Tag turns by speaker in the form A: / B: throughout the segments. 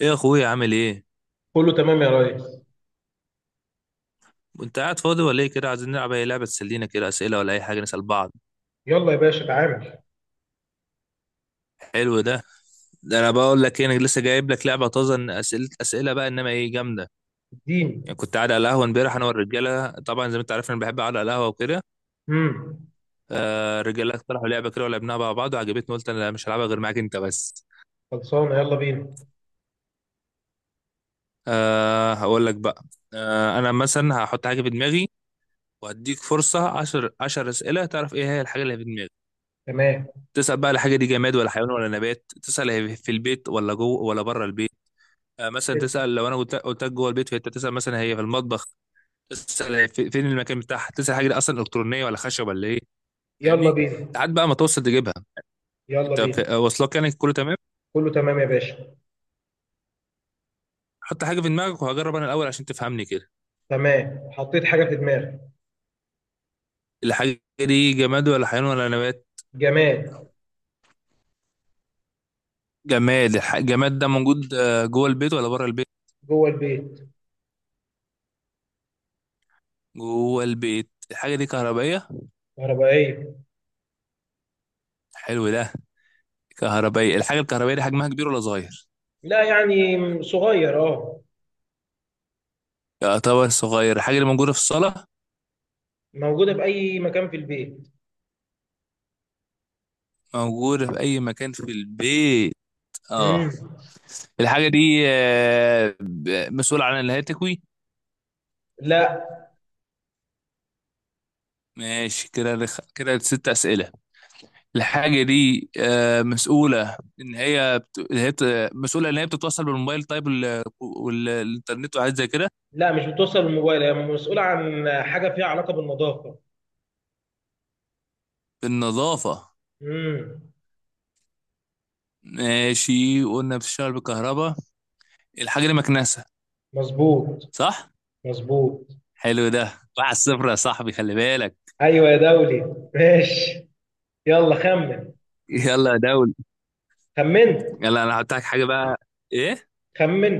A: ايه يا اخويا عامل ايه؟
B: كله تمام يا ريس.
A: انت قاعد فاضي ولا ايه كده؟ عايزين نلعب اي لعبه تسلينا كده، اسئله ولا اي حاجه نسال بعض.
B: يلا يا باشا تعامل.
A: حلو ده. ده انا بقول لك ايه، انا لسه جايب لك لعبه طازه، إن اسئله اسئله بقى انما ايه جامده.
B: اديني.
A: يعني كنت قاعد على القهوه امبارح انا والرجاله، طبعا زي ما انت عارف انا بحب اقعد على القهوه وكده.
B: امم
A: آه، الرجاله اقترحوا لعبه كده ولعبناها مع بعض وعجبتني، قلت انا مش هلعبها غير معاك انت بس.
B: خلصانه، يلا بينا.
A: آه، هقول لك بقى. آه، انا مثلا هحط حاجه في دماغي وهديك فرصه 10 10 اسئله تعرف ايه هي الحاجه اللي في دماغي.
B: تمام.
A: تسأل بقى الحاجة دي جماد ولا حيوان ولا نبات، تسأل هي في البيت، ولا جوه ولا بره البيت. آه، مثلا
B: حلو،
A: تسأل لو انا قلت لك جوه البيت، فانت تسأل مثلا هي في المطبخ. تسأل هي في فين المكان بتاعها، تسأل حاجة دي اصلا الكترونية ولا خشب ولا ايه.
B: يلا
A: فاهمني؟
B: بينا.
A: لحد بقى ما توصل تجيبها.
B: يلا
A: انت في-
B: بينا.
A: آه، واصلك يعني كله تمام.
B: كله تمام يا باشا.
A: حط حاجة في دماغك وهجرب انا الاول عشان تفهمني كده.
B: تمام، حطيت حاجه في دماغي.
A: الحاجة دي جماد ولا حيوان ولا نبات؟
B: جماد.
A: جماد. الجماد ده موجود جوه البيت ولا بره البيت؟
B: جوه البيت.
A: جوه البيت. الحاجة دي كهربائية؟
B: كهربائيه.
A: حلو ده. كهربائية. الحاجة الكهربائية دي حجمها كبير ولا صغير؟
B: لا، يعني صغير اه.
A: يعتبر صغير. الحاجة اللي موجودة في الصالة؟
B: موجوده في اي مكان في البيت.
A: موجودة في أي مكان في البيت. اه.
B: امم
A: الحاجة دي مسؤول عن الهاتفي؟
B: لا،
A: ماشي كده كده ست أسئلة. الحاجة دي مسؤولة إن هي مسؤولة إن هي بتتوصل بالموبايل، طيب والإنترنت وحاجات زي كده.
B: مش بتوصل الموبايل، هي مسؤوله عن حاجه فيها علاقه بالنظافه.
A: بالنظافة؟
B: امم
A: ماشي قلنا بتشتغل بالكهرباء. الحاجة دي مكنسة.
B: مظبوط.
A: صح؟
B: مظبوط.
A: حلو ده، واحد صفر يا صاحبي، خلي بالك.
B: ايوه يا دولي. ماشي. يلا خمن.
A: يلا يا دولي،
B: خمنت.
A: يلا انا هحط لك حاجه بقى. ايه؟
B: خمن.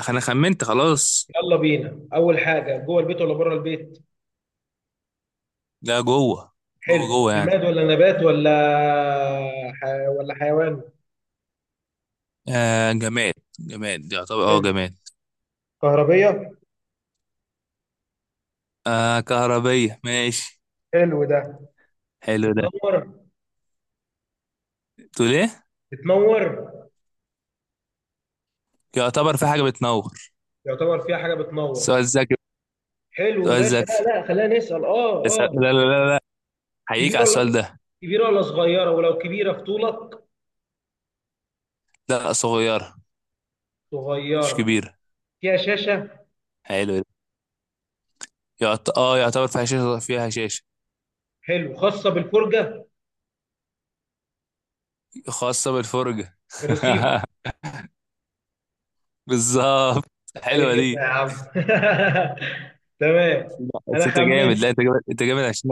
A: انا خمنت خلاص.
B: يلا بينا، اول حاجه جوه البيت ولا بره البيت؟
A: ده جوه، جوه
B: حلو،
A: جوه يعني.
B: جماد ولا نبات ولا ح... ولا حيوان؟
A: آه، جماد. جماد، يعتبر
B: حلو.
A: جماد.
B: كهربيه.
A: آه، كهربية، ماشي.
B: حلو ده.
A: حلو ده.
B: بتنور؟
A: تقول ايه؟
B: بتنور؟
A: يعتبر في حاجه بتنور.
B: يعتبر فيها حاجه بتنور.
A: سؤال ذكي.
B: حلو يا
A: سؤال
B: باشا. لا
A: ذكي.
B: لا، خلينا نسال اه
A: لا
B: اه.
A: لا لا لا، هيجيك
B: كبيره
A: على السؤال
B: ولا
A: ده.
B: صغيره؟ ولو كبيره في طولك؟
A: لا صغيره، مش
B: صغيره.
A: كبيره.
B: فيها شاشه.
A: حلو ده. يعتبر فيها شاشه، فيها شاشه.
B: حلو، خاصه بالفرجه.
A: خاصه بالفرجه.
B: الريسيفر.
A: بالظبط.
B: اي
A: حلوة
B: خدمه يا
A: دي.
B: عم. تمام.
A: لا،
B: انا
A: بس انت
B: خمنت.
A: جامد، لا انت جامد، انت جامد عشان،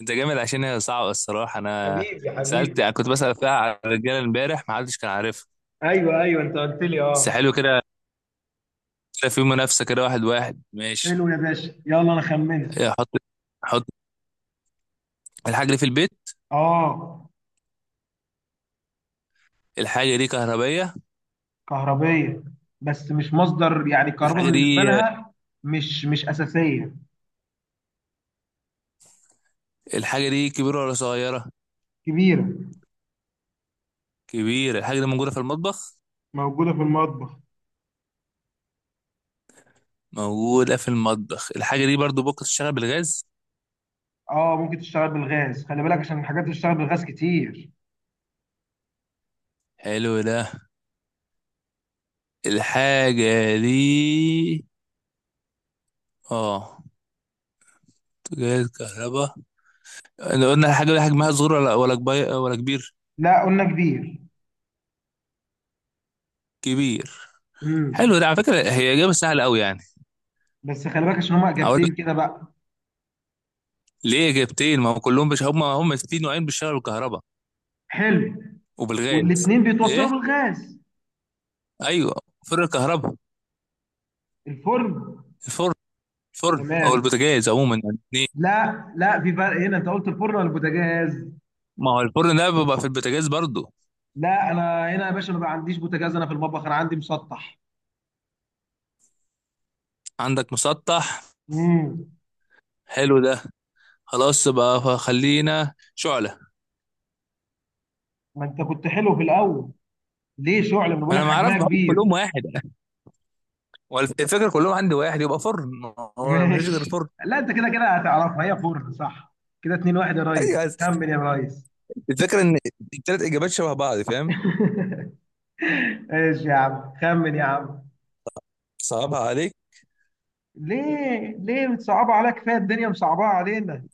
A: انت جامد عشان هي صعبة الصراحة. انا
B: حبيبي
A: سألت،
B: حبيبي.
A: يعني كنت بسأل فيها على الرجالة امبارح ما حدش كان عارفها.
B: ايوه ايوه انت قلت لي
A: بس
B: اه.
A: حلو كده، كده في منافسة كده، واحد واحد،
B: حلو
A: ماشي.
B: يا باشا، يلا انا خمنت.
A: احط، احط. الحاجة دي في البيت.
B: اه
A: الحاجة دي كهربية.
B: كهربيه، بس مش مصدر يعني الكهرباء
A: الحاجة
B: بالنسبه
A: دي،
B: لها، مش اساسيه.
A: الحاجة دي كبيرة ولا صغيرة؟
B: كبيره.
A: كبيرة. الحاجة دي موجودة في المطبخ.
B: موجوده في المطبخ.
A: موجودة في المطبخ. الحاجة دي برضو ممكن تشتغل بالغاز.
B: اه ممكن تشتغل بالغاز، خلي بالك عشان الحاجات اللي بتشتغل بالغاز كتير.
A: حلو ده. الحاجة دي، اه، جهاز كهرباء. احنا قلنا الحاجة دي حجمها صغير ولا كبير، ولا كبير؟
B: لا قلنا كبير.
A: كبير. حلو
B: امم
A: ده، على فكره هي اجابه سهله قوي يعني.
B: بس خلي بالك عشان هما
A: اقول لك
B: اجابتين كده بقى.
A: ليه اجابتين، ما هم كلهم هم في نوعين، بيشتغلوا بالكهرباء
B: حلو.
A: وبالغاز.
B: والاتنين بيتوصلوا
A: ايه؟
B: بالغاز.
A: ايوه، فرن الكهرباء.
B: الفرن.
A: الفرن، الفرن او
B: تمام.
A: البوتاجاز عموما يعني، اتنين.
B: لا لا، في فرق هنا، انت قلت الفرن ولا البوتاجاز؟
A: ما هو الفرن ده بيبقى في البوتاجاز برضو.
B: لا انا هنا يا باشا، انا ما عنديش بوتاجاز، انا في المطبخ انا عندي مسطح.
A: عندك مسطح،
B: امم
A: حلو ده، خلاص بقى فخلينا شعله.
B: ما انت كنت حلو في الاول، ليه شعل؟ ما بقول
A: ما
B: لك
A: انا ما اعرف
B: حجمها
A: بحط كلهم
B: كبير.
A: واحد، والفكره كلهم عندي واحد يبقى فرن، ما هو مفيش غير
B: ماشي.
A: فرن.
B: لا، انت كده كده هتعرفها، هي فرن صح. كده اتنين واحد يا ريس.
A: ايوه.
B: خمن يا ريس.
A: الفكره ان الثلاث اجابات شبه بعض، فاهم؟
B: ايش يا عم، خمن يا عم.
A: صعبها عليك.
B: ليه؟ ليه متصعبة عليك؟ كفاية الدنيا مصعبة علينا.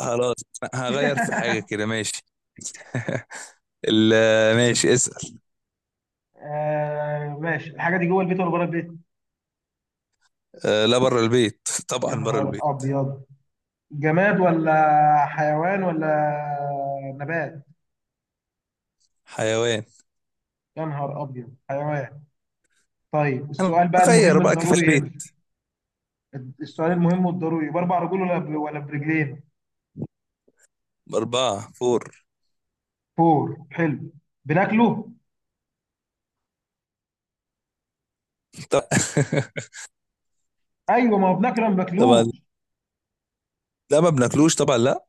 A: خلاص، هغير في حاجة كده، ماشي. ماشي، اسأل.
B: آه ماشي. الحاجة دي جوه البيت ولا بره البيت؟
A: آه، لا بره البيت،
B: يا
A: طبعا بره
B: نهار
A: البيت.
B: ابيض. جماد ولا حيوان ولا نبات؟
A: حيوان.
B: يا نهار ابيض حيوان. طيب
A: انا
B: السؤال بقى
A: اغير
B: المهم
A: بقى كفاية
B: الضروري
A: البيت.
B: هنا، السؤال المهم والضروري، باربع رجول ولا ولا برجلين؟
A: أربعة، فور.
B: فور، حلو. بناكله؟
A: طب-
B: ايوه، ما هو بناكله ما
A: طبعا
B: بناكلوش.
A: لا، ما بناكلوش طبعا، لا.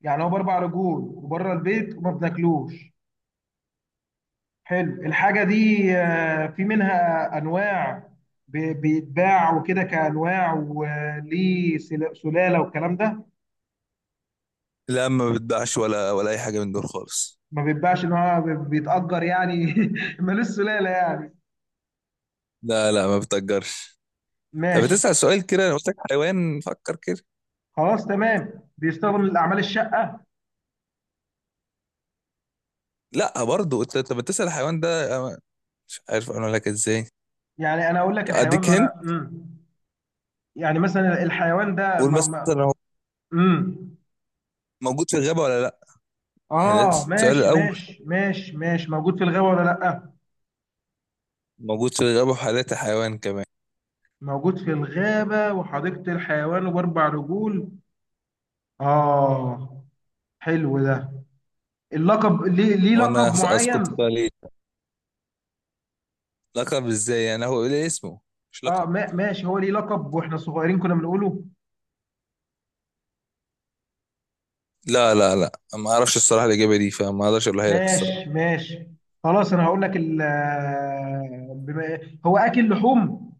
B: يعني هو باربع رجول وبره البيت وما بناكلوش. حلو. الحاجه دي في منها انواع، بيتباع وكده كانواع، وليه سلاله والكلام ده؟
A: لا ما بتباعش، ولا أي حاجة من دول خالص.
B: ما بيتباعش، ان هو بيتأجر يعني؟ ملوش سلالة يعني؟
A: لا لا، ما بتأجرش. طب
B: ماشي.
A: بتسأل سؤال كده، أنا قلت لك حيوان، فكر كده.
B: خلاص تمام، بيستخدم لأعمال الشقة؟
A: لا برضه أنت، طب بتسأل الحيوان ده، أنا مش عارف أقول لك إزاي.
B: يعني انا اقول لك
A: طب
B: الحيوان،
A: أديك
B: ما انا
A: هنت،
B: يعني مثلا الحيوان ده
A: قول مثلا
B: ما
A: هو
B: مم.
A: موجود في الغابة ولا لا. يعني ده
B: اه
A: السؤال
B: ماشي
A: الأول،
B: ماشي ماشي ماشي، موجود في الغابة ولا لأ.
A: موجود في الغابة وحالته حيوان كمان.
B: موجود في الغابة وحديقة الحيوان وباربع رجول. اه. حلو ده. اللقب ليه؟ ليه لقب
A: وأنا سأسقط
B: معين؟
A: عليه. لقب إزاي يعني، هو ليه اسمه، مش
B: اه
A: لقب.
B: ماشي، هو ليه لقب واحنا صغيرين كنا بنقوله؟
A: لا لا لا، ما أعرفش الصراحة الإجابة دي، فما أقدرش أقولها لك
B: ماشي
A: الصراحة.
B: ماشي. خلاص انا هقول لك ال آه، بما هو اكل لحوم؟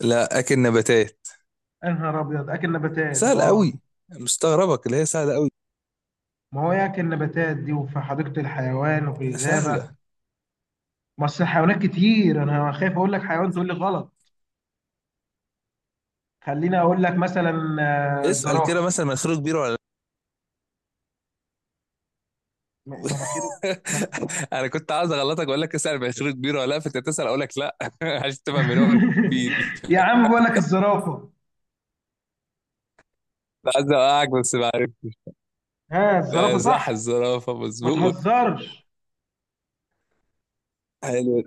A: لا، أكل نباتات.
B: يا نهار ابيض، اكل نباتات
A: سهل
B: اه.
A: قوي. مستغربك اللي هي سهلة قوي.
B: ما هو ياكل نباتات دي وفي حديقة الحيوان وفي الغابة.
A: سهلة.
B: ما اصل الحيوانات كتير انا خايف اقول لك حيوان تقول لي غلط. خليني اقول لك مثلا
A: اسأل كده
B: الزرافة.
A: مثلا مناخيره كبيرة ولا لا.
B: مناخيره؟ من-
A: أنا كنت عاوز أغلطك وأقول لك اسأل مناخيره كبيرة ولا لا، فأنت تسأل أقول لك لا، عشان تفهم من هو، الفيل.
B: يا عم بقول لك الزرافة.
A: كنت عايز أوقعك بس ما عرفتش.
B: ها، الزرافة
A: لا صح،
B: صح.
A: الزرافة
B: ما
A: مظبوط.
B: تهزرش.
A: حلو.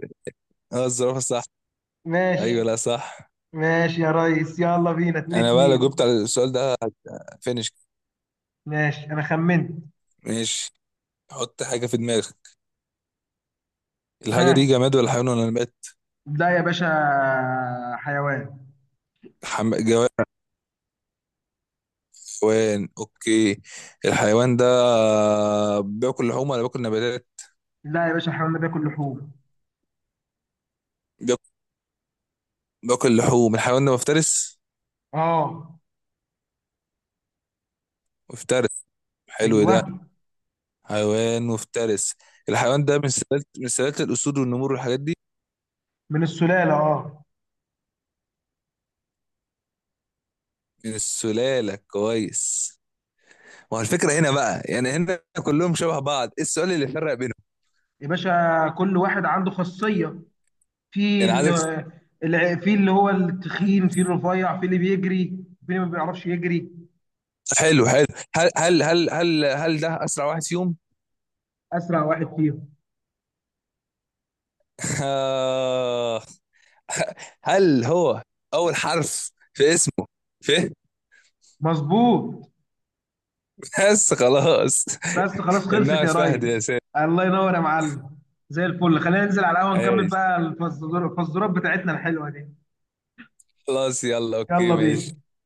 A: اه الزرافة صح. أيوه،
B: ماشي
A: لا صح.
B: ماشي يا ريس، يلا بينا اتنين
A: انا بقى لو جبت
B: اتنين.
A: على السؤال ده، فينش.
B: ماشي انا خمنت.
A: ماشي. حط حاجه في دماغك. الحاجه دي
B: ها.
A: جماد ولا حيوان ولا نبات؟
B: لا يا باشا. حيوان.
A: جماد، حيوان، اوكي. الحيوان ده بياكل لحوم ولا بياكل نباتات؟
B: لا يا باشا، الحيوان ده بياكل لحوم.
A: بياكل, بياكل لحوم. الحيوان ده مفترس؟
B: اه.
A: مفترس، حلو ده،
B: ايوه.
A: حيوان مفترس. الحيوان ده من سلالة، من سلالة الأسود والنمور والحاجات دي؟
B: من السلاله اه.
A: من السلالة، كويس. ما هو الفكرة هنا بقى، يعني هنا كلهم شبه بعض، ايه السؤال اللي فرق بينهم؟
B: يا باشا كل واحد عنده خاصيه، في
A: يعني
B: ال-
A: عايزك،
B: في اللي هو التخين، في الرفيع، في اللي بيجري، في اللي ما بيعرفش يجري.
A: حلو حلو. هل ده اسرع واحد فيهم؟
B: اسرع واحد فيهم.
A: آه. هل هو اول حرف في اسمه ف؟
B: مظبوط.
A: بس خلاص.
B: بس خلاص، خلصت
A: انها
B: يا
A: فهد يا
B: ريس.
A: سيد.
B: الله ينور يا معلم. زي الفل، خلينا ننزل على القهوه نكمل
A: ايش؟
B: بقى الفزورات، الفزورات بتاعتنا الحلوه دي.
A: خلاص يلا، اوكي
B: يلا بينا.
A: ماشي.